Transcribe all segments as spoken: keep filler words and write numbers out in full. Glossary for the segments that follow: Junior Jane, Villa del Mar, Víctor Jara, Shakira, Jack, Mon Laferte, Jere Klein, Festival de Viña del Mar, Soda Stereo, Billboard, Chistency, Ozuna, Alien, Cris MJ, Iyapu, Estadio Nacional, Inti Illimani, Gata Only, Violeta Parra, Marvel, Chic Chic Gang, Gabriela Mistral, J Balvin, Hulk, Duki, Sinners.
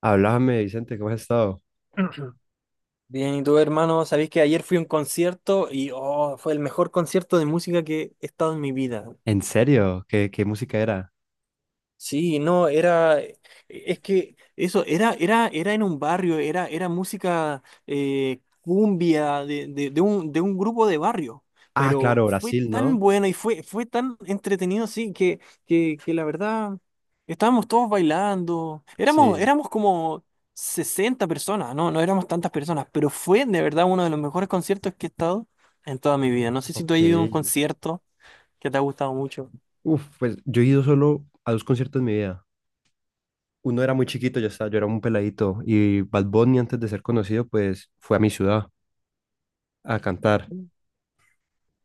Háblame, Vicente, ¿cómo has estado? Bien, y tú, hermano, sabéis que ayer fui a un concierto y oh, fue el mejor concierto de música que he estado en mi vida. ¿En serio? ¿Qué, qué música era? Sí, no, era, e, es que eso, era, era, era en un barrio, era, era música eh, cumbia de, de, de un, de un grupo de barrio, Ah, pero claro, fue Brasil, tan ¿no? bueno y fue, fue tan entretenido, sí, que, que, que la verdad, estábamos todos bailando, éramos, Sí, éramos como sesenta personas, no, no éramos tantas personas, pero fue de verdad uno de los mejores conciertos que he estado en toda mi vida. No sé si tú has ido a un ok. concierto que te ha gustado mucho. Uf, pues yo he ido solo a dos conciertos en mi vida. Uno era muy chiquito, yo estaba, yo era un peladito. Y Bad Bunny, antes de ser conocido, pues fue a mi ciudad a cantar.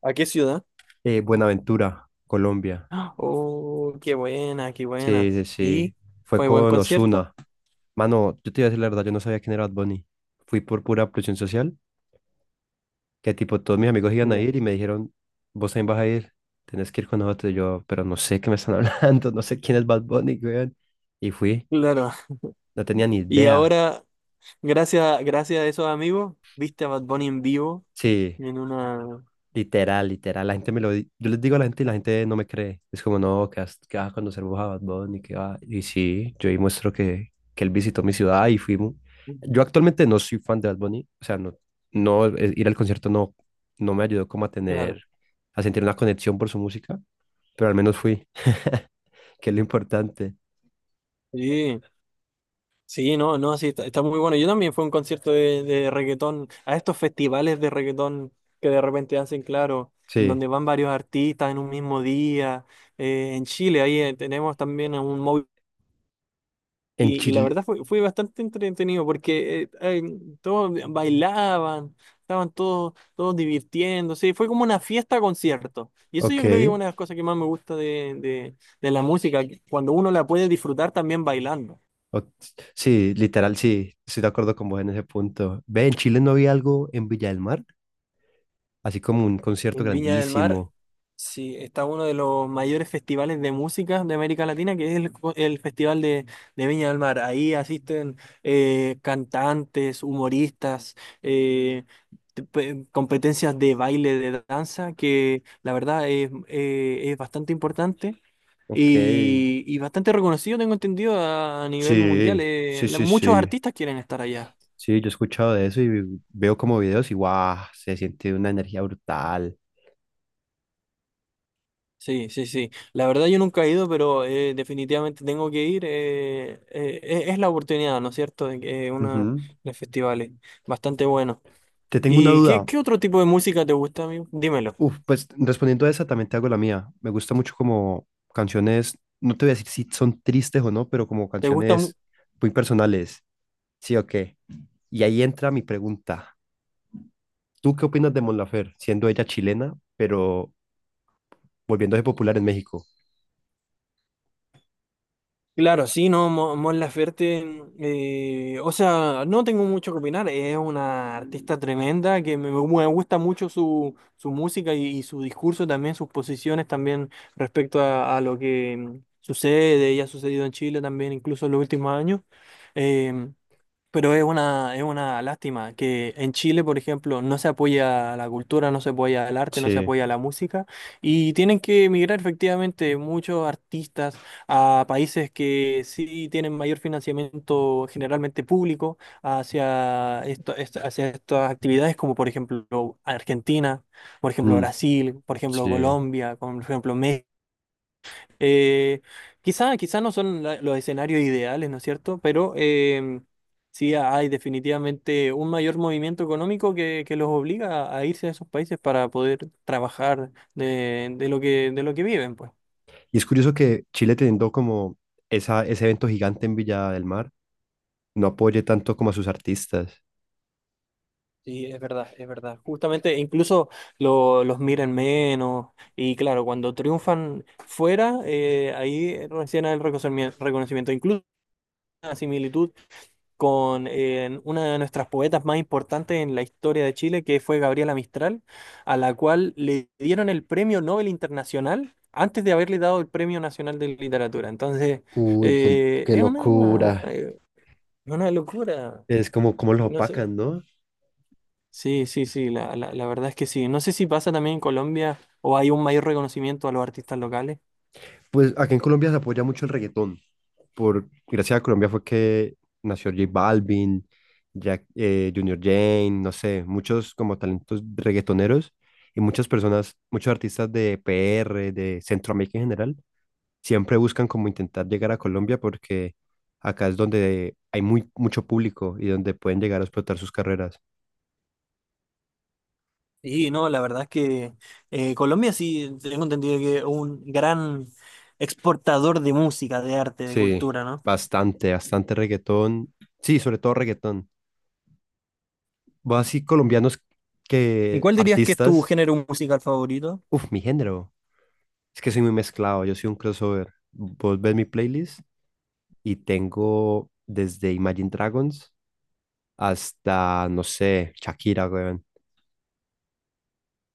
¿A qué ciudad? Eh, Buenaventura, Colombia. Oh, qué buena, qué buena. Sí, sí, sí. ¿Y Fue fue buen con concierto? Ozuna. Mano, yo te iba a decir la verdad, yo no sabía quién era Bad Bunny. Fui por pura presión social que tipo todos mis amigos iban a Ya. ir y me dijeron, vos también vas a ir, tenés que ir con nosotros. Y yo, pero no sé qué me están hablando, no sé quién es Bad Bunny, weón. Y fui, Claro. no tenía ni Y idea. ahora, gracias, gracias a esos amigos, viste a Bad Bunny en vivo Sí. en una... Literal, literal. La gente me lo... di- Yo les digo a la gente y la gente no me cree. Es como, no, que vas, que vas a conocer vos a Bad Bunny, que va... Y sí, yo ahí muestro que, que él visitó mi ciudad y fuimos. Yo actualmente no soy fan de Bad Bunny. O sea, no, no, eh, ir al concierto no, no me ayudó como a Claro. tener, a sentir una conexión por su música, pero al menos fui, que es lo importante. Sí, sí, no, no, sí, está, está muy bueno. Yo también fui a un concierto de, de reggaetón, a estos festivales de reggaetón que de repente hacen, claro, en Sí, donde van varios artistas en un mismo día. Eh, en Chile, ahí eh, tenemos también a un móvil. en Y, y la Chile, verdad fue, fue bastante entretenido porque eh, eh, todos bailaban, estaban todos, todos divirtiéndose, fue como una fiesta concierto. Y eso yo creo que es ok. una de las cosas que más me gusta de, de, de la música, que cuando uno la puede disfrutar también bailando. o- sí, literal, sí, estoy de acuerdo con vos en ese punto. Ve, en Chile no había algo en Villa del Mar, así como un concierto En Viña del Mar. grandísimo. Sí, está uno de los mayores festivales de música de América Latina, que es el, co- el Festival de, de Viña del Mar. Ahí asisten eh, cantantes, humoristas, eh, te- pe- competencias de baile, de danza, que la verdad es, eh, es bastante importante Ok. y, y bastante reconocido, tengo entendido, a, a nivel mundial. Sí, Eh, sí, la- sí, Muchos sí. artistas quieren estar allá. Sí, yo he escuchado de eso y veo como videos y guau, se siente una energía brutal. Sí, sí, sí. La verdad yo nunca he ido, pero eh, definitivamente tengo que ir. Eh, eh, e- es la oportunidad, ¿no es cierto? De que eh, una Ujú. de festivales bastante bueno. Te tengo una ¿Y qué, duda. qué otro tipo de música te gusta, amigo? Dímelo. Uf, pues respondiendo a esa también te hago la mía. Me gusta mucho como canciones, no te voy a decir si son tristes o no, pero como ¿Te gusta? canciones muy personales. Sí o qué. Y ahí entra mi pregunta. ¿Tú qué opinas de Mon Laferte, siendo ella chilena, pero volviéndose popular en México? Claro, sí, no, Mo- Mon Laferte, eh, o sea, no tengo mucho que opinar, es una artista tremenda que me, me gusta mucho su, su música y, y su discurso también, sus posiciones también respecto a, a lo que mm, sucede y ha sucedido en Chile también, incluso en los últimos años. Em, pero es una, es una lástima que en Chile, por ejemplo, no se apoya la cultura, no se apoya el arte, no se Sí, apoya la música y tienen que emigrar efectivamente muchos artistas a países que sí tienen mayor financiamiento generalmente público hacia, esto, est- hacia estas actividades como por ejemplo Argentina, por ejemplo mm, Brasil, por ejemplo sí. Colombia, por ejemplo México. Eh, quizá, Quizá no son la- los escenarios ideales, ¿no es cierto? Pero eh, sí hay definitivamente un mayor movimiento económico que, que los obliga a a irse a esos países para poder trabajar de, de lo que, de lo que viven, pues. Y es curioso que Chile teniendo como esa, ese evento gigante en Villa del Mar, no apoye tanto como a sus artistas. Sí, es verdad, es verdad. Justamente incluso lo- los miran menos y claro, cuando triunfan fuera, eh, ahí recién hay el reconocimiento, reconocimiento. Incluso una similitud con eh, una de nuestras poetas más importantes en la historia de Chile, que fue Gabriela Mistral, a la cual le dieron el Premio Nobel Internacional antes de haberle dado el Premio Nacional de Literatura. Entonces, Uy, qué, eh, qué es una, locura. eh, una locura. Es como, como los No sé. opacan, ¿no? Sí, sí, sí, la, la, la verdad es que sí. No sé si pasa también en Colombia o hay un mayor reconocimiento a los artistas locales. Pues acá en Colombia se apoya mucho el reggaetón. Por, gracias a Colombia fue que nació J Balvin, Jack, eh, Junior Jane, no sé, muchos como talentos reggaetoneros y muchas personas, muchos artistas de P R, de Centroamérica en general, siempre buscan como intentar llegar a Colombia porque acá es donde hay muy, mucho público y donde pueden llegar a explotar sus carreras. Y no, la verdad es que eh, Colombia sí, tengo entendido que es un gran exportador de música, de arte, de Sí, cultura, ¿no? bastante, bastante reggaetón. Sí, sobre todo reggaetón. Vos así colombianos ¿Y que cuál dirías que es tu artistas. género musical favorito? Uf, mi género. Es que soy muy mezclado, yo soy un crossover. Vos ves mi playlist y tengo desde Imagine Dragons hasta, no sé, Shakira, weón.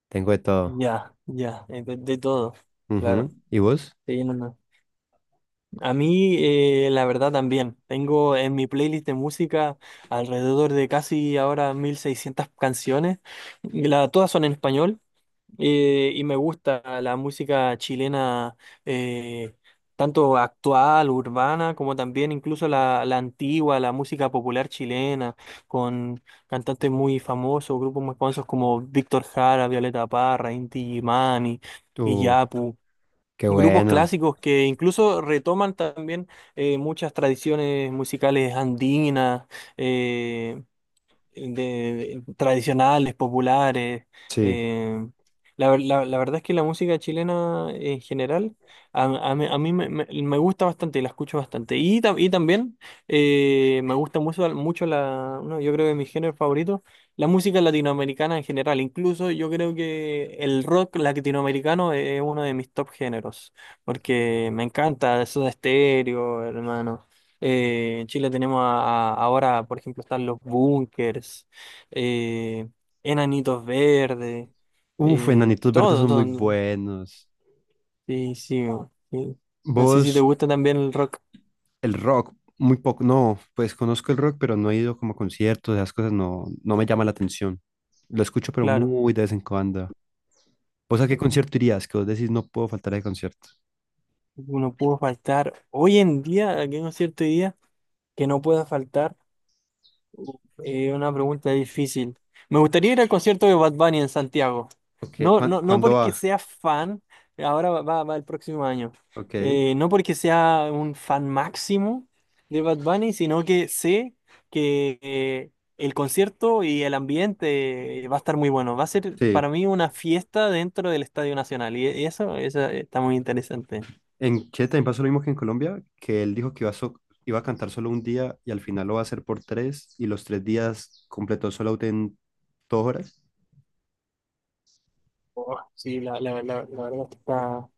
Tengo de todo. Ya, ya, eh, de, de todo, claro. Ujú. ¿Y vos? Sí, no, no. A mí, eh, la verdad también, tengo en mi playlist de música alrededor de casi ahora mil seiscientas canciones, y la- todas son en español. Eh, y me gusta la música chilena, eh, tanto actual, urbana, como también incluso la, la antigua, la música popular chilena, con cantantes muy famosos, grupos muy famosos como Víctor Jara, Violeta Parra, Inti Illimani, Uf, Iyapu. qué Grupos bueno. clásicos que incluso retoman también eh, muchas tradiciones musicales andinas, eh, de, tradicionales, populares. Sí. eh, la, ver- la- la verdad es que la música chilena en general a, a mí, a mí me, me- me gusta bastante, la escucho bastante. Y, tam- y también eh, me gusta mucho, mucho la, no, yo creo que mi género favorito, la música latinoamericana en general. Incluso yo creo que el rock latinoamericano es uno de mis top géneros, porque me encanta Soda Stereo, hermano. Eh, en Chile tenemos a- a- ahora, por ejemplo, están los búnkers, eh, enanitos verdes, Uf, eh, Enanitos Verdes todo, son muy todo. buenos. Sí, sí, no, sí. No sé si te Vos, gusta también el rock, el rock, muy poco. No, pues conozco el rock, pero no he ido como a conciertos, esas cosas no, no me llama la atención. Lo escucho, pero claro. muy de vez en cuando. ¿Vos a qué Sí. concierto irías? Que vos decís, no puedo faltar al concierto. Uno pudo faltar. Hoy en día, aquí en un cierto día, que no pueda faltar. Eh, una pregunta difícil. Me gustaría ir al concierto de Bad Bunny en Santiago. Ok, No, ¿cuán- no, no ¿cuándo porque va? sea fan, ahora va, va- va el próximo año. Ok, Eh, no porque sea un fan máximo de Bad Bunny, sino que sé que eh, el concierto y el ambiente eh, va a estar muy bueno. Va a ser sí. para mí una fiesta dentro del Estadio Nacional y eso, eso está muy interesante. En Chile también pasó lo mismo que en Colombia, que él dijo que iba a, so- iba a cantar solo un día y al final lo va a hacer por tres y los tres días completó solo en dos horas. Oh, sí, la, la, la, la verdad es que está.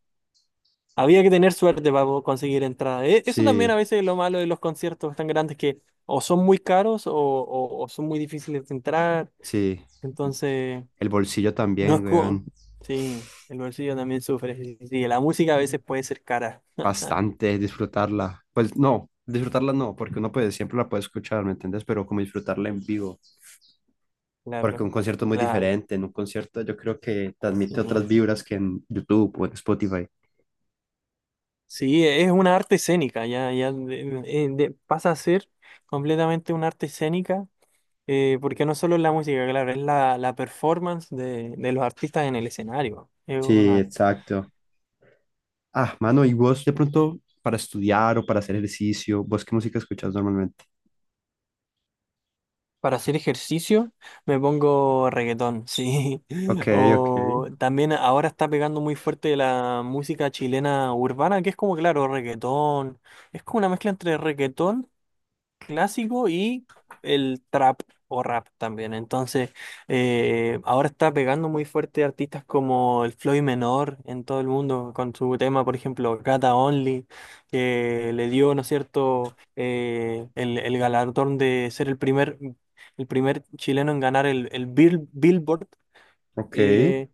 Había que tener suerte para po- conseguir entrada. E- Eso también a Sí, veces es lo malo de los conciertos tan grandes que o son muy caros o, o- o son muy difíciles de entrar. sí. Entonces, El bolsillo no es también, como... weón. Sí, el bolsillo también sufre. Sí, sí, sí. La música a veces puede ser cara. Bastante, disfrutarla. Pues no, disfrutarla no, porque uno puede, siempre la puede escuchar, ¿me entiendes? Pero como disfrutarla en vivo, porque Claro. un concierto es muy La- diferente. En un concierto yo creo que transmite otras sí. vibras que en YouTube o en Spotify. Sí, es una arte escénica. Ya, ya de- eh, de- pasa a ser completamente una arte escénica. Eh, porque no solo es la música, claro, es la, la performance de, de los artistas en el escenario. Es Sí, una. exacto. Ah, mano, ¿y vos de pronto para estudiar o para hacer ejercicio, vos qué música escuchas normalmente? Para hacer ejercicio me pongo reggaetón, sí. Ok, ok, O también ahora está pegando muy fuerte la música chilena urbana, que es como, claro, reggaetón. Es como una mezcla entre reggaetón clásico y el trap o rap también. Entonces, eh, ahora está pegando muy fuerte artistas como el Floyd Menor en todo el mundo con su tema, por ejemplo, Gata Only, que le dio, ¿no es cierto?, eh, el, el galardón de ser el primer, el primer chileno en ganar el, el Bill- Billboard. ok. eh,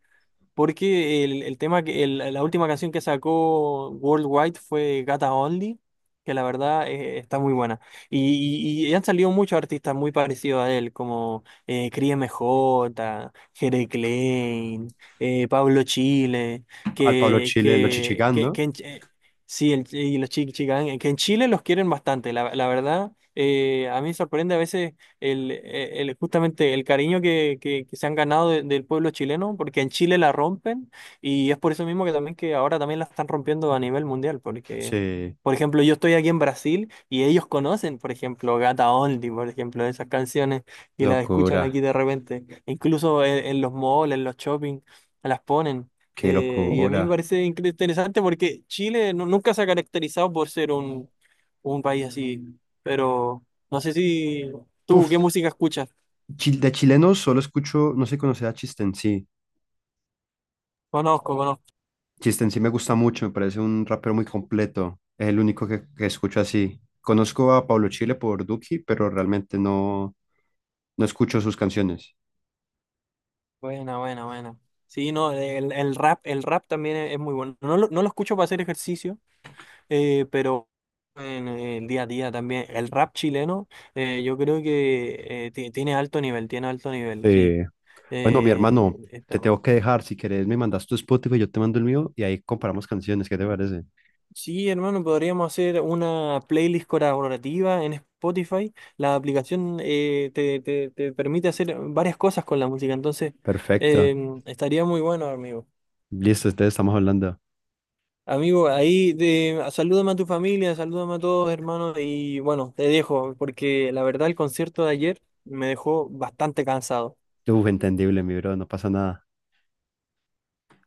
Porque el, el tema que el- la última canción que sacó Worldwide fue Gata Only, que la verdad eh, está muy buena. Y, y- y han salido muchos artistas muy parecidos a él, como eh, Cris M J, Jere Klein, eh, Pablo Chile, Al Pablo que, Chile, Los que, Chichigán, que, ¿no? que en Ch- eh, sí, el- y los Chic Chic Gang, que en Chile los quieren bastante, la, la verdad. Eh, a mí me sorprende a veces el, e, el- justamente el cariño que, que- que se han ganado de- del pueblo chileno, porque en Chile la rompen y es por eso mismo que también que ahora también la están rompiendo a nivel mundial, porque, Sí, por ejemplo, yo estoy aquí en Brasil y ellos conocen, por ejemplo, Gata Only, por ejemplo, esas canciones y las escuchan aquí locura, de repente, incluso en, en los malls, en los shopping, las ponen. qué Eh, y a mí me locura. parece incre- interesante porque Chile nu- nunca se ha caracterizado por ser un, un país así, pero no sé si ¿Tú qué Puf. música escuchas? Chil- De chilenos solo escucho, no sé si conoces a Chistency. Conozco, conozco. Chistency me gusta mucho, me parece un rapero muy completo. Es el único que, que escucho así. Conozco a Pablo Chile por Duki, pero realmente no, no escucho sus canciones. Buena, buena, buena. Sí, no, el, el rap, el rap también es, es muy bueno. No lo, no lo escucho para hacer ejercicio, eh, pero en el día a día también. El rap chileno, eh, yo creo que eh, ti- tiene alto nivel, tiene alto nivel, sí. Eh, bueno, mi Eh, hermano, Está te bueno. tengo que dejar. Si querés, me mandas tu Spotify, yo te mando el mío y ahí comparamos canciones. ¿Qué te parece? Sí, hermano, podríamos hacer una playlist colaborativa en Spotify. La aplicación eh, te, te- te permite hacer varias cosas con la música, entonces eh, Perfecto. estaría muy bueno, amigo. Listo, ustedes estamos hablando. Amigo, ahí de, salúdame a tu familia, salúdame a todos, hermanos, y bueno, te dejo, porque la verdad el concierto de ayer me dejó bastante cansado. Uf, entendible, mi bro, no pasa nada.